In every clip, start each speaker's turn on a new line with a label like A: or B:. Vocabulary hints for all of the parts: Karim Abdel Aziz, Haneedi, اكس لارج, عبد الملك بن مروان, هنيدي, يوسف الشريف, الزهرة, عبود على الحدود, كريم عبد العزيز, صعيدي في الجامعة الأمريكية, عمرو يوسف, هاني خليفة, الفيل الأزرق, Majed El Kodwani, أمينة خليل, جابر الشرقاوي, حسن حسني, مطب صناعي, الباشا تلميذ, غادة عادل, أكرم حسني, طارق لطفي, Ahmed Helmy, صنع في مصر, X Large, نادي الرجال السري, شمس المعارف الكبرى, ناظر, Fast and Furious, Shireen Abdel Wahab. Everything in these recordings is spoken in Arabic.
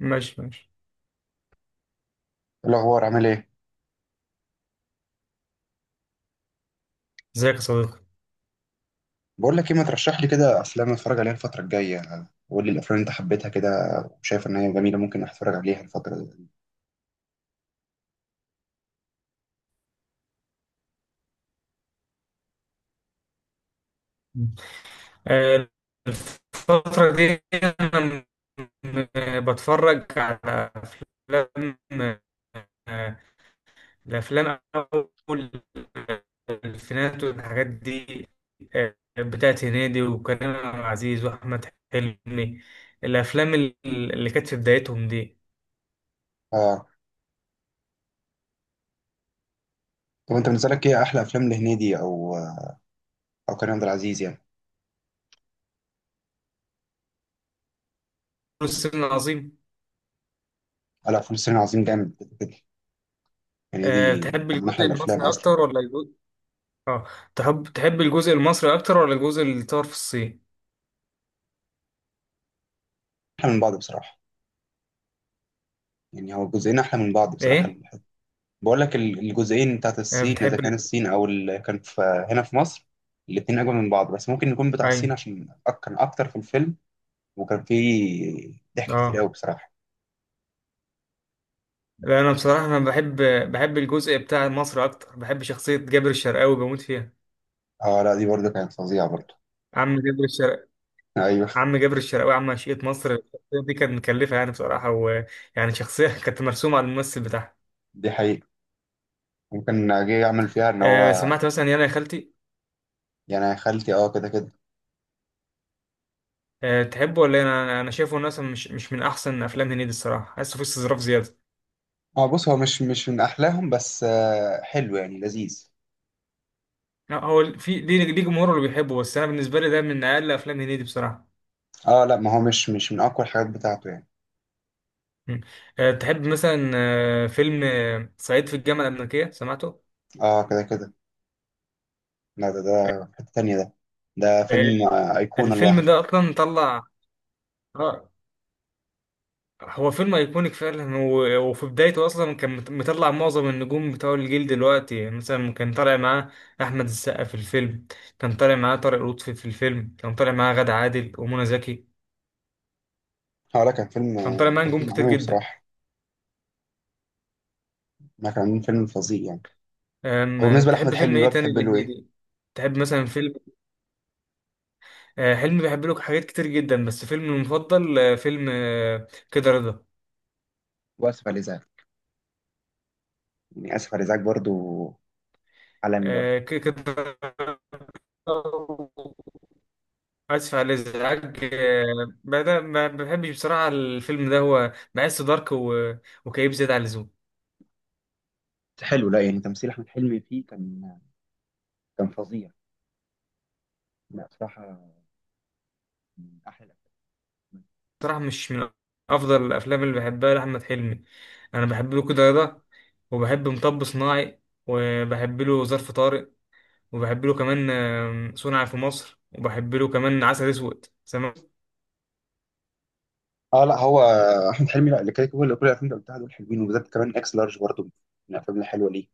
A: ماشي ماشي.
B: إيه الاخبار، عامل ايه؟
A: ازيك يا صديقي؟
B: بقول لك ايه، ما ترشح لي كده افلام اتفرج عليها الفتره الجايه. قول لي الافلام اللي انت حبيتها كده، وشايف ان هي جميله ممكن اتفرج عليها الفتره دي.
A: آه، الفترة دي أنا بتفرج على أفلام. آه، الأفلام أول الألفينات والحاجات دي. بتاعت هنيدي وكريم عبد العزيز وأحمد حلمي. الأفلام اللي كانت في بدايتهم دي.
B: اه. طب انت بالنسبه لك ايه احلى افلام لهنيدي او كريم عبد العزيز يعني؟
A: السن العظيم.
B: على فيلم سيرين عظيم جامد كده كده. هنيدي
A: بتحب
B: كان من
A: الجزء
B: احلى الافلام
A: المصري
B: اصلا.
A: أكتر ولا الجزء... آه تحب الجزء المصري أكتر ولا الجزء اللي اتصور في الصين؟
B: احلى من بعض بصراحه. يعني هو الجزئين احلى من بعض بصراحه.
A: إيه؟
B: بقول لك الجزئين بتاعت الصين، اذا
A: بتحب
B: كان الصين او اللي كان في هنا في مصر. الاتنين اجمل من بعض، بس ممكن يكون بتاع
A: ايوه.
B: الصين عشان كان اكتر في الفيلم. وكان في ضحك كتير
A: اه.
B: قوي بصراحة.
A: لا انا بصراحه انا بحب الجزء بتاع مصر اكتر، بحب شخصيه جابر الشرقاوي، بموت فيها.
B: اه، لا دي برضه كانت فظيعة برضه.
A: عم جابر الشرق
B: ايوه.
A: عم جابر الشرقاوي، عم عشيقة مصر، الشخصيه دي كانت مكلفه يعني بصراحه، ويعني شخصيه كانت مرسومه على الممثل بتاعها.
B: دي حقيقة. ممكن جه يعمل فيها ان هو.
A: سمعت مثلا يانا يا خالتي؟
B: يعني يا خالتي اه كده كده.
A: تحبه ولا إيه؟ انا شايفه إنه مثلا مش من احسن افلام هنيدي الصراحه، حاسه فيه استظراف زياده.
B: اه، بص هو مش من احلاهم، بس حلو يعني لذيذ.
A: لا، هو في ليه جمهوره اللي بيحبه، بس انا بالنسبه لي ده من اقل افلام هنيدي بصراحه.
B: اه، لا ما هو مش من اقوى الحاجات بتاعته يعني.
A: مم. تحب مثلا فيلم صعيدي في الجامعة الأمريكية، سمعته؟
B: اه كده كده. لا ده في حتة تانية ده. ده
A: آه،
B: فيلم أيقونة
A: الفيلم
B: لوحده.
A: ده أصلا طلع. آه هو فيلم أيكونيك فعلا، وفي بدايته أصلا كان مطلع معظم النجوم بتوع الجيل دلوقتي. مثلا كان طالع معاه أحمد السقا في الفيلم، كان طالع معاه طارق لطفي في الفيلم، كان طالع معاه غادة عادل ومنى زكي.
B: اه، لا
A: كان طالع معاه
B: كان
A: نجوم
B: فيلم
A: كتير
B: عالمي
A: جدا.
B: بصراحة. ما كان فيلم فظيع يعني. وبالنسبة لأحمد
A: تحب فيلم
B: حلمي
A: إيه
B: بقى
A: تاني
B: بتحب له ايه؟
A: لهنيدي؟ تحب مثلا فيلم... حلمي بيحب له حاجات كتير جدا، بس فيلم المفضل فيلم كده رضا.
B: واسف على الازعاج. يعني اسف على الازعاج برضه. عالمي برضه.
A: كده. اسف على الازعاج، بدأ ما بحبش بصراحه الفيلم ده، هو بحسه دارك وكئيب زياده عن اللزوم.
B: حلو. لا يعني تمثيل احمد حلمي فيه كان فظيع. لا بصراحه، من احلى الافلام.
A: بصراحه مش من افضل الافلام اللي بحبها لاحمد حلمي. انا بحب له كده رضا، وبحب مطب صناعي، وبحب له ظرف طارق، وبحب له كمان صنع في مصر، وبحب له كمان عسل اسود، سمعت؟
B: اه، لا هو احمد حلمي، لا اللي كده كل الافلام اللي قلتها دول حلوين، وبالذات كمان اكس لارج برضه من الافلام الحلوه ليه.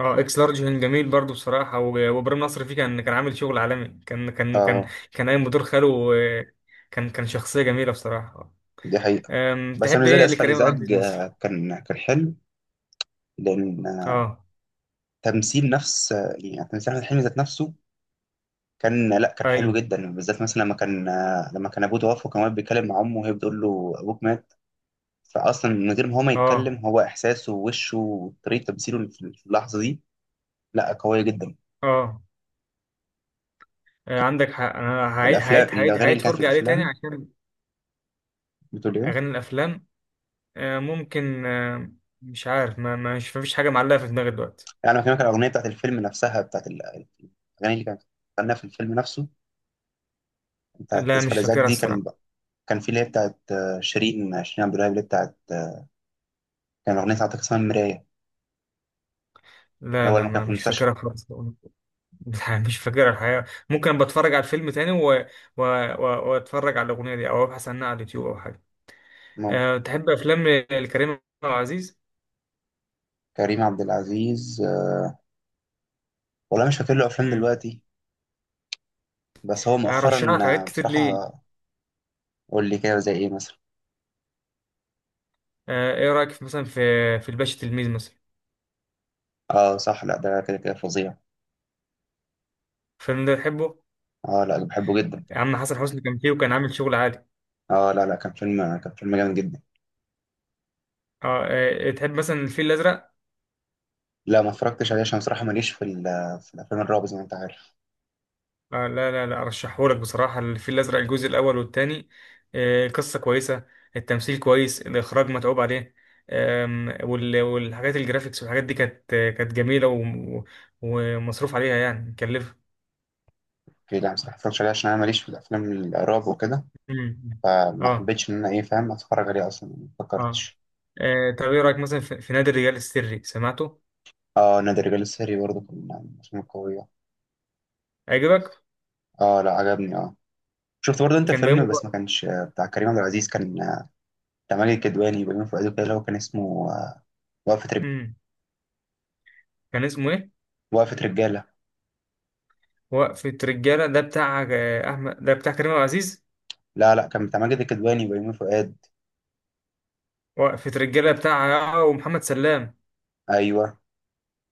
A: اه، اكس لارج كان جميل برضو بصراحه، وابراهيم نصر فيه كان عامل شغل عالمي، كان كان كان
B: اه،
A: كان قايم بدور خاله. كان شخصيه جميله بصراحه.
B: دي حقيقه. بس انا
A: تحب
B: زي
A: ايه
B: اسف على
A: لكريم عبد العزيز
B: الازعاج،
A: مثلا؟
B: كان حلو. لان
A: اه.
B: تمثيل نفس يعني تمثيل احمد حلمي ذات نفسه لا، كان حلو
A: ايوه.
B: جدا، بالذات مثلا لما كان ابوه توفى وكان واقف بيتكلم مع امه وهي بتقول له ابوك مات. فاصلا من غير ما هو ما
A: اه.
B: يتكلم، هو احساسه ووشه وطريقه تمثيله في اللحظه دي. لا، قوية جدا.
A: اه. عندك حق، انا هعيد هعيد هعيد
B: الأغاني
A: هعيد
B: اللي كانت في
A: فرجه عليه تاني
B: الأفلام.
A: عشان...
B: بتقول إيه؟
A: اغاني الافلام. ممكن. مش عارف، مش مفيش حاجه معلقه في دماغي دلوقتي.
B: يعني بكلمك الأغنية بتاعت الفيلم نفسها، بتاعت الأغاني اللي كانت غناها في الفيلم نفسه. بتاعت
A: لا
B: آسف على
A: مش
B: الإزعاج
A: فاكرها
B: دي، كان.
A: الصراحه.
B: كان في اللي هي بتاعت شيرين عبد الوهاب، اللي هي بتاعت كان أغنية بتاعت اسمها المراية.
A: لا،
B: الأول
A: لا،
B: ما كان
A: ما
B: في
A: مش
B: المستشفى.
A: فاكرها خالص. مش فاكر الحقيقة. ممكن بتفرج على الفيلم تاني و... واتفرج على الأغنية دي أو أبحث عنها على اليوتيوب أو حاجة.
B: ممكن.
A: تحب أفلام الكريم عبد العزيز؟
B: كريم عبد العزيز والله مش فاكر له أفلام
A: امم.
B: دلوقتي. بس هو
A: أرشح
B: مؤخرا
A: لك حاجات كتير
B: بصراحة
A: ليه.
B: قول لي كده، زي إيه مثلا؟
A: إيه رأيك في مثلا في الباشا تلميذ مثلا؟
B: صح. لا ده كده كده فظيع.
A: الفيلم ده تحبه؟
B: لا بحبه جدا.
A: يا عم حسن حسني كان فيه وكان عامل شغل عالي.
B: لا لا، كان فيلم جامد جدا.
A: أه آه، تحب مثلا الفيل الأزرق؟
B: لا ما اتفرجتش عليه عشان صراحة ماليش في الأفلام الرعب زي ما أنت عارف.
A: لا، لا، لا ارشحهولك بصراحه، الفيل الازرق الجزء الاول والثاني. القصه كويسه، التمثيل كويس، الاخراج متعوب عليه. والحاجات الجرافيكس والحاجات دي كانت كانت جميله ومصروف عليها يعني مكلفه.
B: أوكي لا، صراحة ما اتفرجتش عليه عشان أنا ماليش في الأفلام الرعب وكده.
A: مم.
B: فما
A: اه.
B: حبيتش إن أنا، إيه، فاهم أتفرج عليه، أصلا ما
A: اه.
B: فكرتش.
A: طب ايه رايك مثلا في نادي الرجال السري، سمعته؟
B: نادي الرجال السري برضه كان من الأفلام القوية.
A: عجبك؟
B: لا عجبني آه. شفت برضه أنت
A: كان
B: فيلم،
A: بيومي
B: بس ما
A: فؤاد.
B: كانش بتاع كريم عبد العزيز، كان بتاع ماجد الكدواني وبيومي فؤاد وكده، اللي هو كان اسمه وقفة
A: مم. كان اسمه ايه؟
B: وقفة رجالة.
A: وقفة رجالة، ده بتاع احمد، ده بتاع كريم عبد العزيز.
B: لا لا، كان بتاع ماجد الكدواني وبيومي فؤاد.
A: وقفة رجالة بتاع ومحمد سلام.
B: أيوه.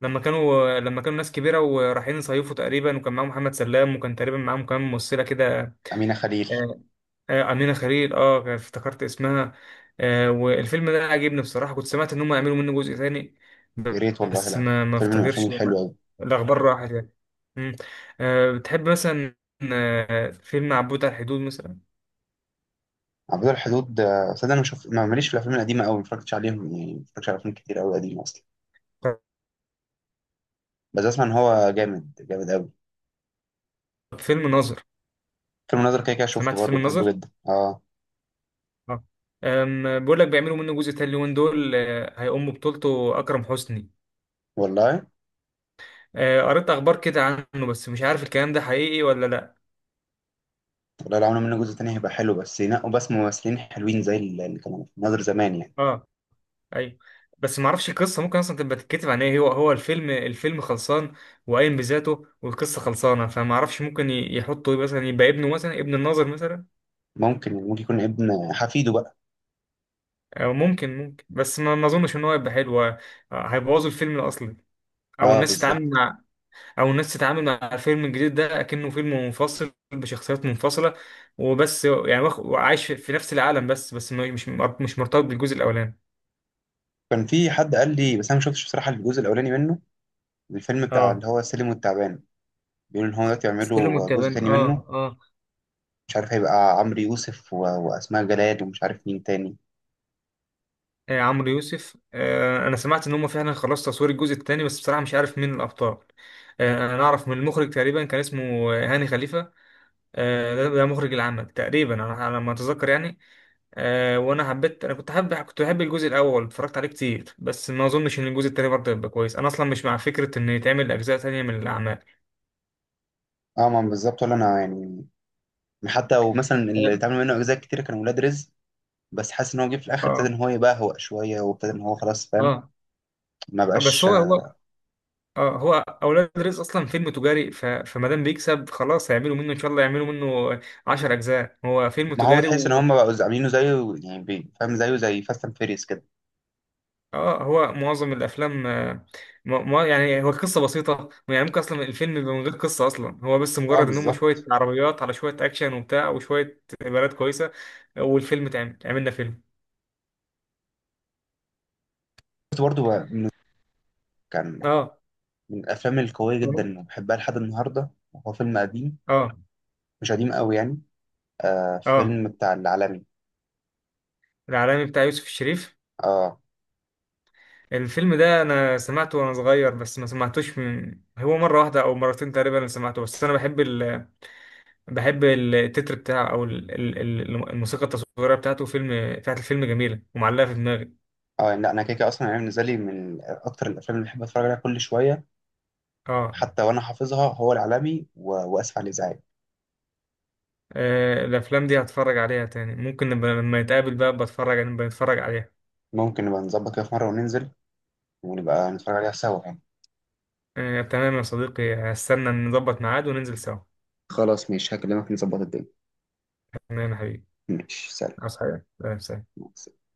A: لما كانوا ناس كبيره ورايحين يصيفوا تقريبا، وكان معاهم محمد سلام، وكان تقريبا معاهم كمان ممثله كده.
B: أمينة خليل.
A: آه، امينه خليل، اه افتكرت اسمها. والفيلم ده عجبني بصراحه، كنت سمعت ان هم يعملوا منه جزء تاني.
B: يا ريت والله
A: بس
B: لا.
A: ما
B: فيلم من الأفلام
A: افتكرش.
B: الحلوة أوي.
A: الاخبار راحت يعني. مم. بتحب مثلا فيلم عبود على الحدود مثلا؟
B: عبود الحدود، صدق انا مش ما- ماليش في الافلام القديمه قوي، ما اتفرجتش عليهم، يعني ما اتفرجتش على افلام كتير قوي قديمه اصلا.
A: طب
B: بس اسمع ان هو جامد جامد قوي.
A: فيلم ناظر؟
B: فيلم الناظر كده كده شفته
A: سمعت
B: برضه،
A: فيلم
B: بحبه
A: ناظر؟
B: جدا اه.
A: اه. بقول لك بيعملوا منه جزء تاني اليومين دول، هيقوم ببطولته اكرم حسني.
B: والله.
A: قريت اخبار كده عنه، بس مش عارف الكلام ده حقيقي ولا لا.
B: والله، لو عملوا منه جزء تاني هيبقى حلو، بس ينقوا بس ممثلين حلوين زي اللي كانوا في الناظر زمان يعني.
A: اه، ايوه. بس ما اعرفش القصه، ممكن اصلا تبقى تتكتب عن ايه؟ هو الفيلم خلصان وقايم بذاته، والقصه خلصانه، فما اعرفش ممكن يحطوا إيه، مثلا يبقى ابنه، مثلا ابن الناظر مثلا.
B: ممكن يكون ابن حفيده بقى.
A: او ممكن بس ما اظنش ان هو يبقى حلو. هيبوظوا الفيلم الاصلي، او
B: اه،
A: الناس تتعامل
B: بالظبط.
A: مع او الناس تتعامل مع الفيلم الجديد ده اكنه فيلم منفصل بشخصيات منفصله، وبس يعني وعايش في نفس العالم، بس مش مرتبط بالجزء الاولاني.
B: كان في حد قال لي بس انا ما شفتش بصراحه الجزء الاولاني منه. الفيلم بتاع
A: اه.
B: اللي هو السلم والتعبان. بيقولوا ان هو دلوقتي
A: السلم
B: يعملوا جزء
A: والتعبان.
B: تاني منه.
A: اه. اه.
B: مش عارف، هيبقى عمرو يوسف واسماء جلال، ومش عارف مين تاني.
A: عمرو يوسف. انا سمعت ان هم فعلا خلاص تصوير الجزء الثاني، بس بصراحه مش عارف مين الابطال. انا اعرف من المخرج تقريبا، كان اسمه هاني خليفه. ده مخرج العمل تقريبا، انا على ما اتذكر يعني. وانا حبيت، انا كنت حابب، كنت بحب الجزء الاول، اتفرجت عليه كتير، بس ما اظنش ان الجزء التاني برضه يبقى كويس. انا اصلا مش مع فكره ان يتعمل اجزاء تانية من الاعمال.
B: اه، ما بالظبط، ولا انا يعني. حتى ومثلا اللي اتعمل منه اجزاء كتير كانوا ولاد رزق. بس حاسس ان هو جه في الاخر ابتدى
A: اه.
B: ان هو يبهوأ شويه، وابتدى ان هو خلاص فاهم.
A: اه.
B: ما
A: بس،
B: بقاش.
A: هو اولاد رزق اصلا فيلم تجاري، فما دام بيكسب خلاص هيعملوا منه، ان شاء الله يعملوا منه 10 اجزاء. هو فيلم
B: ما هو
A: تجاري
B: تحس ان
A: و...
B: هم بقوا عاملينه زيه، يعني فاهم زيه زي فاست اند فيريس كده.
A: اه، هو معظم الافلام يعني هو القصه بسيطه، يعني ممكن اصلا الفيلم يبقى من غير قصه اصلا، هو بس
B: اه،
A: مجرد ان هم شويه
B: بالظبط.
A: عربيات على شويه اكشن وبتاع وشويه بنات كويسه. والفيلم عملنا فيلم.
B: كنت برضه. كان
A: اه،
B: من الافلام القويه جدا وبحبها لحد النهارده. هو فيلم قديم،
A: اه،
B: مش قديم قوي يعني.
A: اه.
B: فيلم بتاع العالمي.
A: العالمي بتاع يوسف الشريف.
B: اه،
A: الفيلم ده انا سمعته وانا صغير، بس ما سمعتوش، من هو مره واحده او مرتين تقريبا اللي سمعته، بس انا بحب بحب التتر بتاعه، او الموسيقى التصويريه بتاعته، فيلم بتاعت الفيلم جميله ومعلقه في دماغي.
B: اه. لا، انا كده كده اصلا، يعني بالنسبه لي من اكتر الافلام اللي بحب اتفرج عليها كل شويه.
A: اه.
B: حتى وانا حافظها، هو العالمي واسف على الازعاج.
A: الافلام دي هتفرج عليها تاني، ممكن نبقى لما نتقابل بقى نبقى نتفرج عليها.
B: ممكن نبقى نظبط كده في مره وننزل، ونبقى نتفرج عليها سوا يعني.
A: تمام يا صديقي، هستنى نظبط ميعاد وننزل سوا.
B: خلاص ماشي، هكلمك نظبط الدنيا.
A: تمام يا حبيبي.
B: ماشي، سلام.
A: عاوز حاجه؟ سلام، سلام.
B: مع السلامة.